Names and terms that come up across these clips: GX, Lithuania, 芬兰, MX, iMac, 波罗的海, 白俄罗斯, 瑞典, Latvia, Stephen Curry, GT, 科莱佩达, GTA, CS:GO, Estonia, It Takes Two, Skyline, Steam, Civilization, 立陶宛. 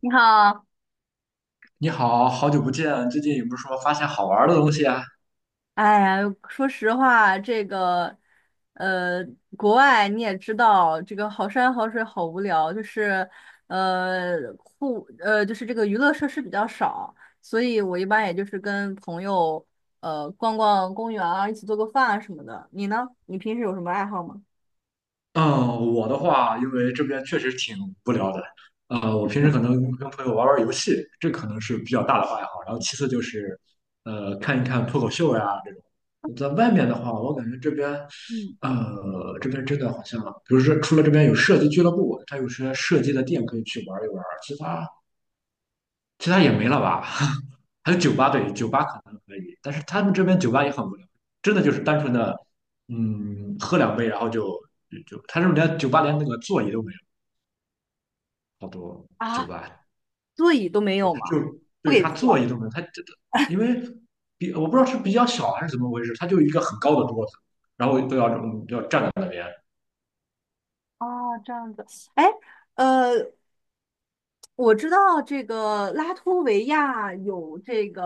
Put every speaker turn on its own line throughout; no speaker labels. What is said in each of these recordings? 你好。
你好，好久不见，最近有没有说发现好玩儿的东西啊？
哎呀，说实话，这个，呃，国外你也知道，这个好山好水好无聊，就是，呃，就是这个娱乐设施比较少，所以我一般也就是跟朋友，逛逛公园啊，一起做个饭啊什么的。你呢？你平时有什么爱好吗？
嗯，我的话，因为这边确实挺无聊的。我平时可能跟朋友玩玩游戏，这可能是比较大的爱好。然后其次就是，看一看脱口秀呀这种。在外面的话，我感觉这边，
嗯。
呃，这边真的好像，比如说除了这边有射击俱乐部，它有些射击的店可以去玩一玩，其他也没了吧？还有酒吧，对，酒吧可能可以，但是他们这边酒吧也很无聊，真的就是单纯的，喝两杯，然后就就就，他这边连酒吧连那个座椅都没有，好多酒
啊，
吧。
座椅都没
对，
有
他就，
吗？不
对，
给
他座椅
坐。
都没有。他这个因为比，我不知道是比较小还是怎么回事，他就一个很高的桌子，然后都要站在那。
啊，这样子。哎，呃，我知道这个拉脱维亚有这个，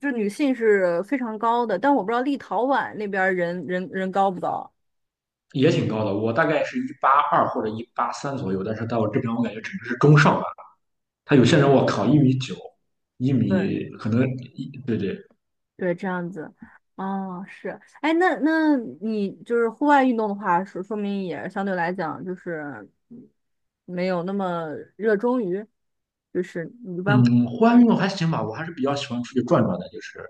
就是女性是非常高的，但我不知道立陶宛那边儿人高不高。
也挺高的，我大概是182或者183左右，但是到我这边我感觉只能是中上吧。他有些人我靠，1米9，一
对
米可能一对对。
对，这样子。哦，是。哎，那你就是户外运动的话，说明也相对来讲就是没有那么热衷于，就是你一般。
嗯，户外运动还行吧，我还是比较喜欢出去转转的，就是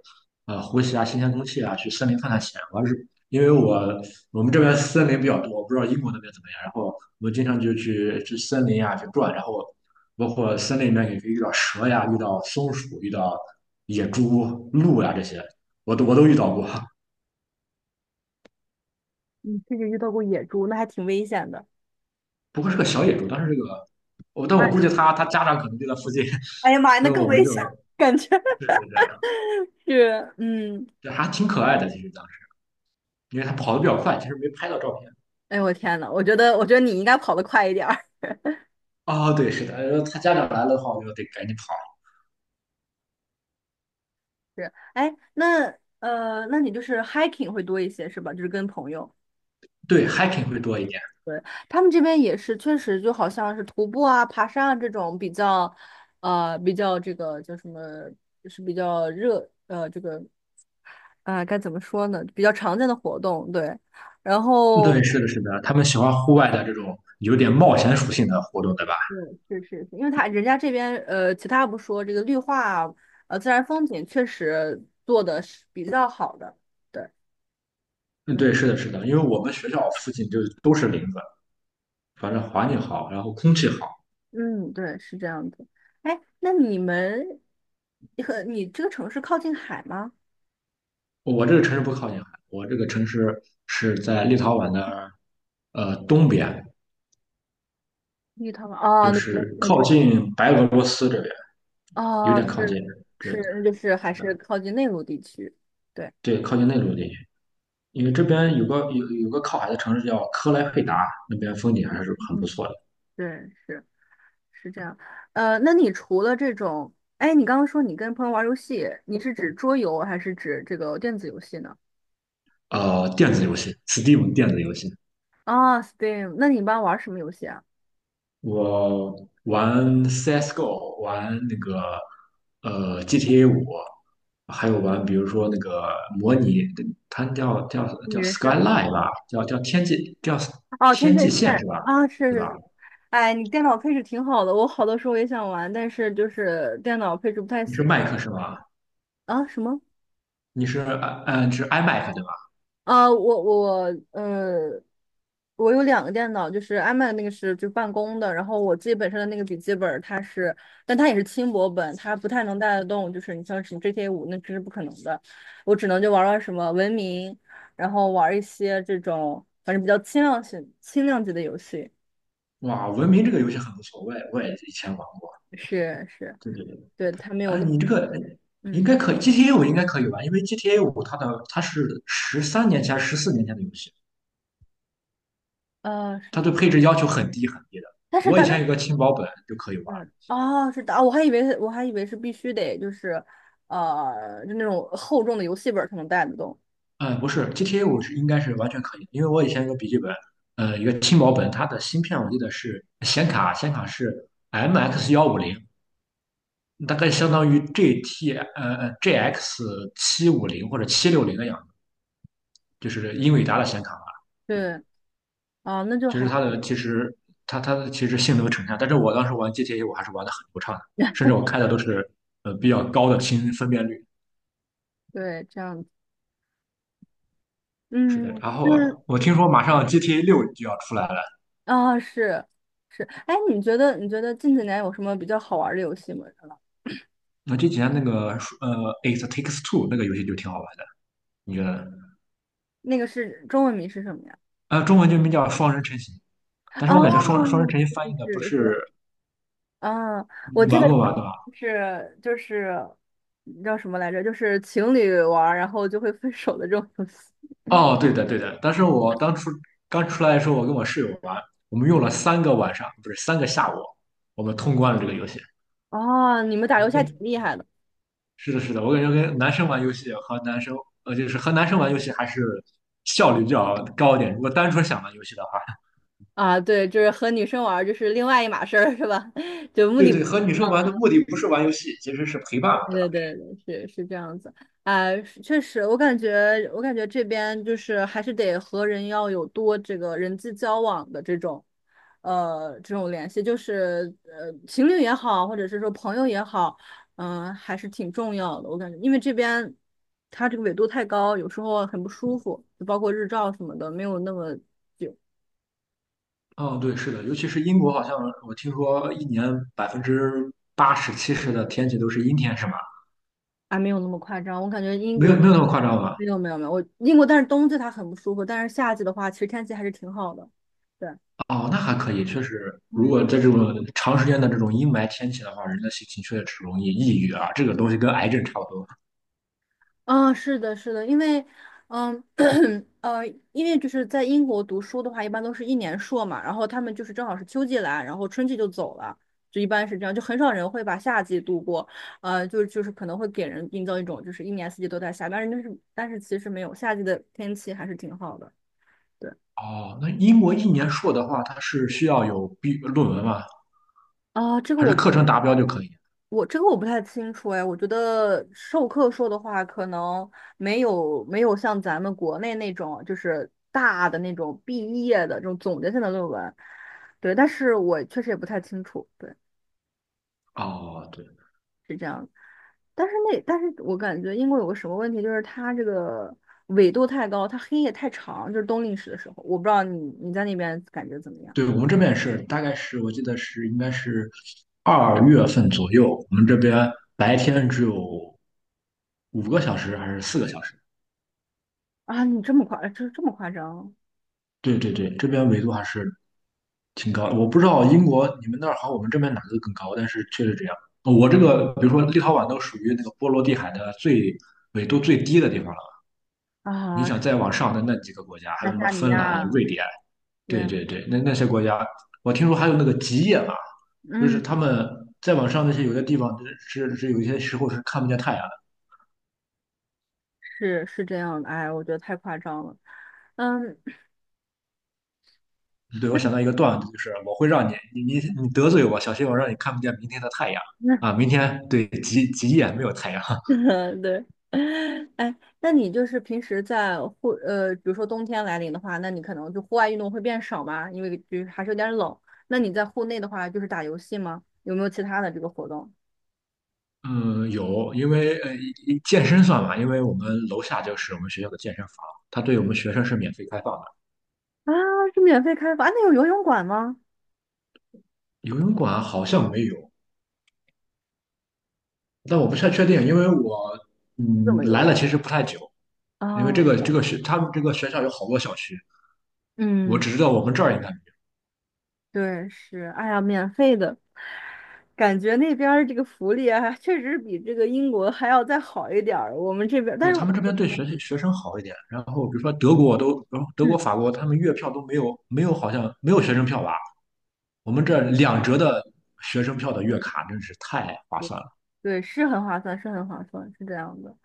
呼吸啊新鲜空气啊，去森林探探险。我还是因为我我们这边森林比较多，我不知道英国那边怎么样，然后我经常就去森林啊去转，然后包括森林里面也可以遇到蛇呀，遇到松鼠，遇到野猪、鹿呀这些，我都遇到过。
你甚至遇到过野猪，那还挺危险的。
不过是个小野猪，但是这个我但我估
哎
计他家长可能就在附近。
哎呀妈呀，那
所以
更
我们
危
就，
险！
对对对。
是，嗯。
对，还挺可爱的。其实当时，因为他跑的比较快，其实没拍到照片。
哎，我天呐，我觉得你应该跑得快一点儿。
哦，对，是的，他家长来了的话，我就得赶紧跑。
是，哎，那那你就是 hiking 会多一些是吧？就是跟朋友，
对，hiking 会多一点。
对，他们这边也是，确实就好像是徒步啊、爬山啊这种比较，比较这个叫什么，就是比较热，这个啊，该怎么说呢？比较常见的活动，对。然
对，
后，
是的，是的，他们喜欢户外的这种有点冒险属性的活动，对吧？
嗯，是是是，因为他人家这边其他不说，这个绿化啊，自然风景确实做的是比较好的。对。
嗯，对，是的，是的，因为我们学校附近就都是林子，反正环境好，然后空气好。
嗯，对，是这样子。哎，那你们和你这个城市靠近海吗？
我这个城市不靠近海，我这个城市是在立陶宛的东边，
绿陶吗？哦，
就
那那
是
那
靠
就。
近白俄罗斯这边，有
哦，
点靠近。
是
这
是，那就是还
是
是
的。
靠近内陆地区。对，
对，靠近内陆地区。因为这边有个靠海的城市叫科莱佩达，那边风景还是很不
嗯，
错的。
对，是是这样。那你除了这种，哎，你刚刚说你跟朋友玩游戏，你是指桌游还是指这个电子游戏呢？
电子游戏，Steam 电子游戏，
啊， STEAM, 那你一般玩什么游戏啊？
我玩 CS:GO，玩那个GTA 五，还有玩比如说那个模拟，它叫
女生。
Skyline 吧，叫
哦，天
天
阵
际线
线。
是吧？
啊，是
对
是
吧？
是，哎，你电脑配置挺好的，我好多时候也想玩，但是就是电脑配置不太
你是
行。
麦克是吧？
啊，什么？
你是 iMac 对吧？
啊，我有两个电脑，就是 iMac 那个是就办公的，然后我自己本身的那个笔记本儿它是，但它也是轻薄本，它不太能带得动，就是你像什么 GTA 五那真是不可能的，我只能就玩玩什么文明，然后玩一些这种反正比较轻量型轻量级的游戏。
哇，文明这个游戏很不错，我也以前玩过。
是是。
对对对。
对，它没有
啊，
那么。
你这个应
嗯，
该可以，GTA 五应该可以吧？因为 GTA 五它是13年前、14年前的游戏，
是
它
的。
对配置要求很低很低的。
但是
我以
他，
前有个轻薄本就可以玩。
嗯，哦，是的。哦，我还以为是必须得就是，就那种厚重的游戏本儿才能带得动。
嗯，不是 GTA 五是应该是完全可以的，因为我以前有个笔记本，一个轻薄本，它的芯片我记得是显卡是 MX 150，大概相当于 GX 750或者760的样子，就是英伟达的显卡。
对，啊，那就
其
还
实它
好。
的其实它它的其实性能呈现，但是我当时玩 GTA 我还是玩的很流畅的，甚至我开的都是比较高的清分辨率。
对，这样子，
是的，
嗯
然后我
嗯，
听说马上 GTA 六就要出来了。
啊，是是。哎，你觉得近几年有什么比较好玩儿的游戏吗？
那这几天那个《It Takes Two》那个游戏就挺好玩的，你觉得呢？
那个是中文名是什么呀？
中文就名叫《双人成行》，但
哦，
是我感觉《双人成行》翻
是
译的不
是是，
是。
嗯，我
你
记得
玩过吧，对吧？
是就是叫什么来着？就是情侣玩儿，然后就会分手的这种游戏。
哦，对的对的，但是我当初刚出来的时候，我跟我室友玩，我们用了3个晚上，不是3个下午，我们通关了这个游戏。
哦，你们打游戏还挺厉害的。
是的，是的，我感觉跟男生玩游戏和男生，就是和男生玩游戏还是效率比较高一点。如果单纯想玩游戏的话，
啊！对，就是和女生玩儿就是另外一码事儿，是吧？就目
对
的嗯。
对，和女生玩的目的不是玩游戏，其实是陪伴嘛，对吧？
对对对，是是这样子，哎，是确实，我感觉这边就是还是得和人要有多这个人际交往的这种，这种联系，就是情侣也好，或者是说朋友也好，嗯，还是挺重要的。我感觉，因为这边它这个纬度太高，有时候很不舒服，就包括日照什么的，没有那么。
嗯，对，是的，尤其是英国，好像我听说一年80%、70%的天气都是阴天，是吗？
啊，没有那么夸张。我感觉英
没有
国
没有那么夸张吧？
没有没有没有，我英国但是冬季它很不舒服，但是夏季的话，其实天气还是挺好的。对。
哦，那还可以，确实，如
嗯，
果在这种长时间的这种阴霾天气的话，人的心情确实容易抑郁啊，这个东西跟癌症差不多。
啊，是的，是的，因为，嗯，呃，因为就是在英国读书的话，一般都是一年硕嘛，然后他们就是正好是秋季来，然后春季就走了，就一般是这样，就很少人会把夏季度过，就是可能会给人营造一种就是一年四季都在下，但是其实没有，夏季的天气还是挺好的。对。
哦，那英国一年硕的话，它是需要有毕论文吗？
啊，这个
还是
我
课程达标就可以？
我这个我不太清楚哎，我觉得授课说的话，可能没有像咱们国内那种就是大的那种毕业的这种总结性的论文，对，但是我确实也不太清楚，对，
哦，对
但是我感觉英国有个什么问题，就是它这个纬度太高，它黑夜太长，就是冬令时的时候，我不知道你在那边感觉怎么样。
对，我们这边也是，大概是我记得是应该是2月份左右，我们这边白天只有5个小时还是4个小时？
啊？你这么夸，这么夸张
对对对，这边纬度还是挺高的。我不知道英国你们那儿和我们这边哪个更高，但是确实这样。哦我这个比如说立陶宛都属于那个波罗的海的纬度最低的地方了，你
啊？
想再往上的那几个国家，还
爱
有什么
沙尼
芬兰、
亚，
瑞典。
对
对
啊，
对对，那些国家，我听说还有那个极夜嘛，就是他
嗯。
们再往上那些有的地方是有一些时候是看不见太阳
是是这样的，哎，我觉得太夸张了。嗯，
的。对，我想到一个段子，就是我会让你你你你 得罪我，小心我让你看不见明天的太阳。啊！明天对极夜没有太阳。
那对。哎，那你就是平时在比如说冬天来临的话，那你可能就户外运动会变少嘛，因为就是还是有点冷。那你在户内的话，就是打游戏吗？有没有其他的这个活动？
嗯，有，因为呃一一健身算嘛，因为我们楼下就是我们学校的健身房，它对我们学生是免费开放的。
啊，是免费开放。啊，那有游泳馆吗？
游泳馆好像没有，但我不太确定，因为我
怎
嗯
么游
来
泳？
了其实不太久。因为
啊，
这个这个学他们这个学校有好多小区，我
嗯，
只知道我们这儿应该没有。
对，是。哎呀，免费的，感觉那边儿这个福利还确实比这个英国还要再好一点儿。我们这边儿，但
对
是
他
我
们
们
这边对学生好一点，然后比如说德国都，德
嗯，
国、法国他们月票都没有，没有好像没有学生票吧？我们这2折的学生票的月卡真是太划算了。
对，是很划算，是很划算，是这样的。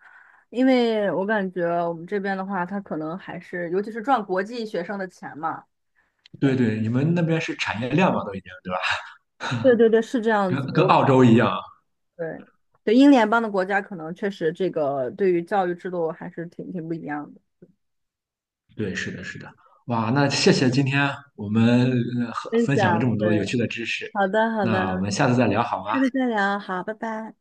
因为我感觉我们这边的话，他可能还是，尤其是赚国际学生的钱嘛。
对
对，
对，你们那边是产业链嘛，都已经对吧？
对对对，是这样子。
跟
我
澳洲一样。
对对，英联邦的国家可能确实这个对于教育制度还是挺不一样的。
对，是的，是的。哇，那谢谢今天我们
分
分享了这
享，
么多有
对，
趣的知识，
好的好
那我
的，
们下次再聊好吗？
下次再聊，好，拜拜。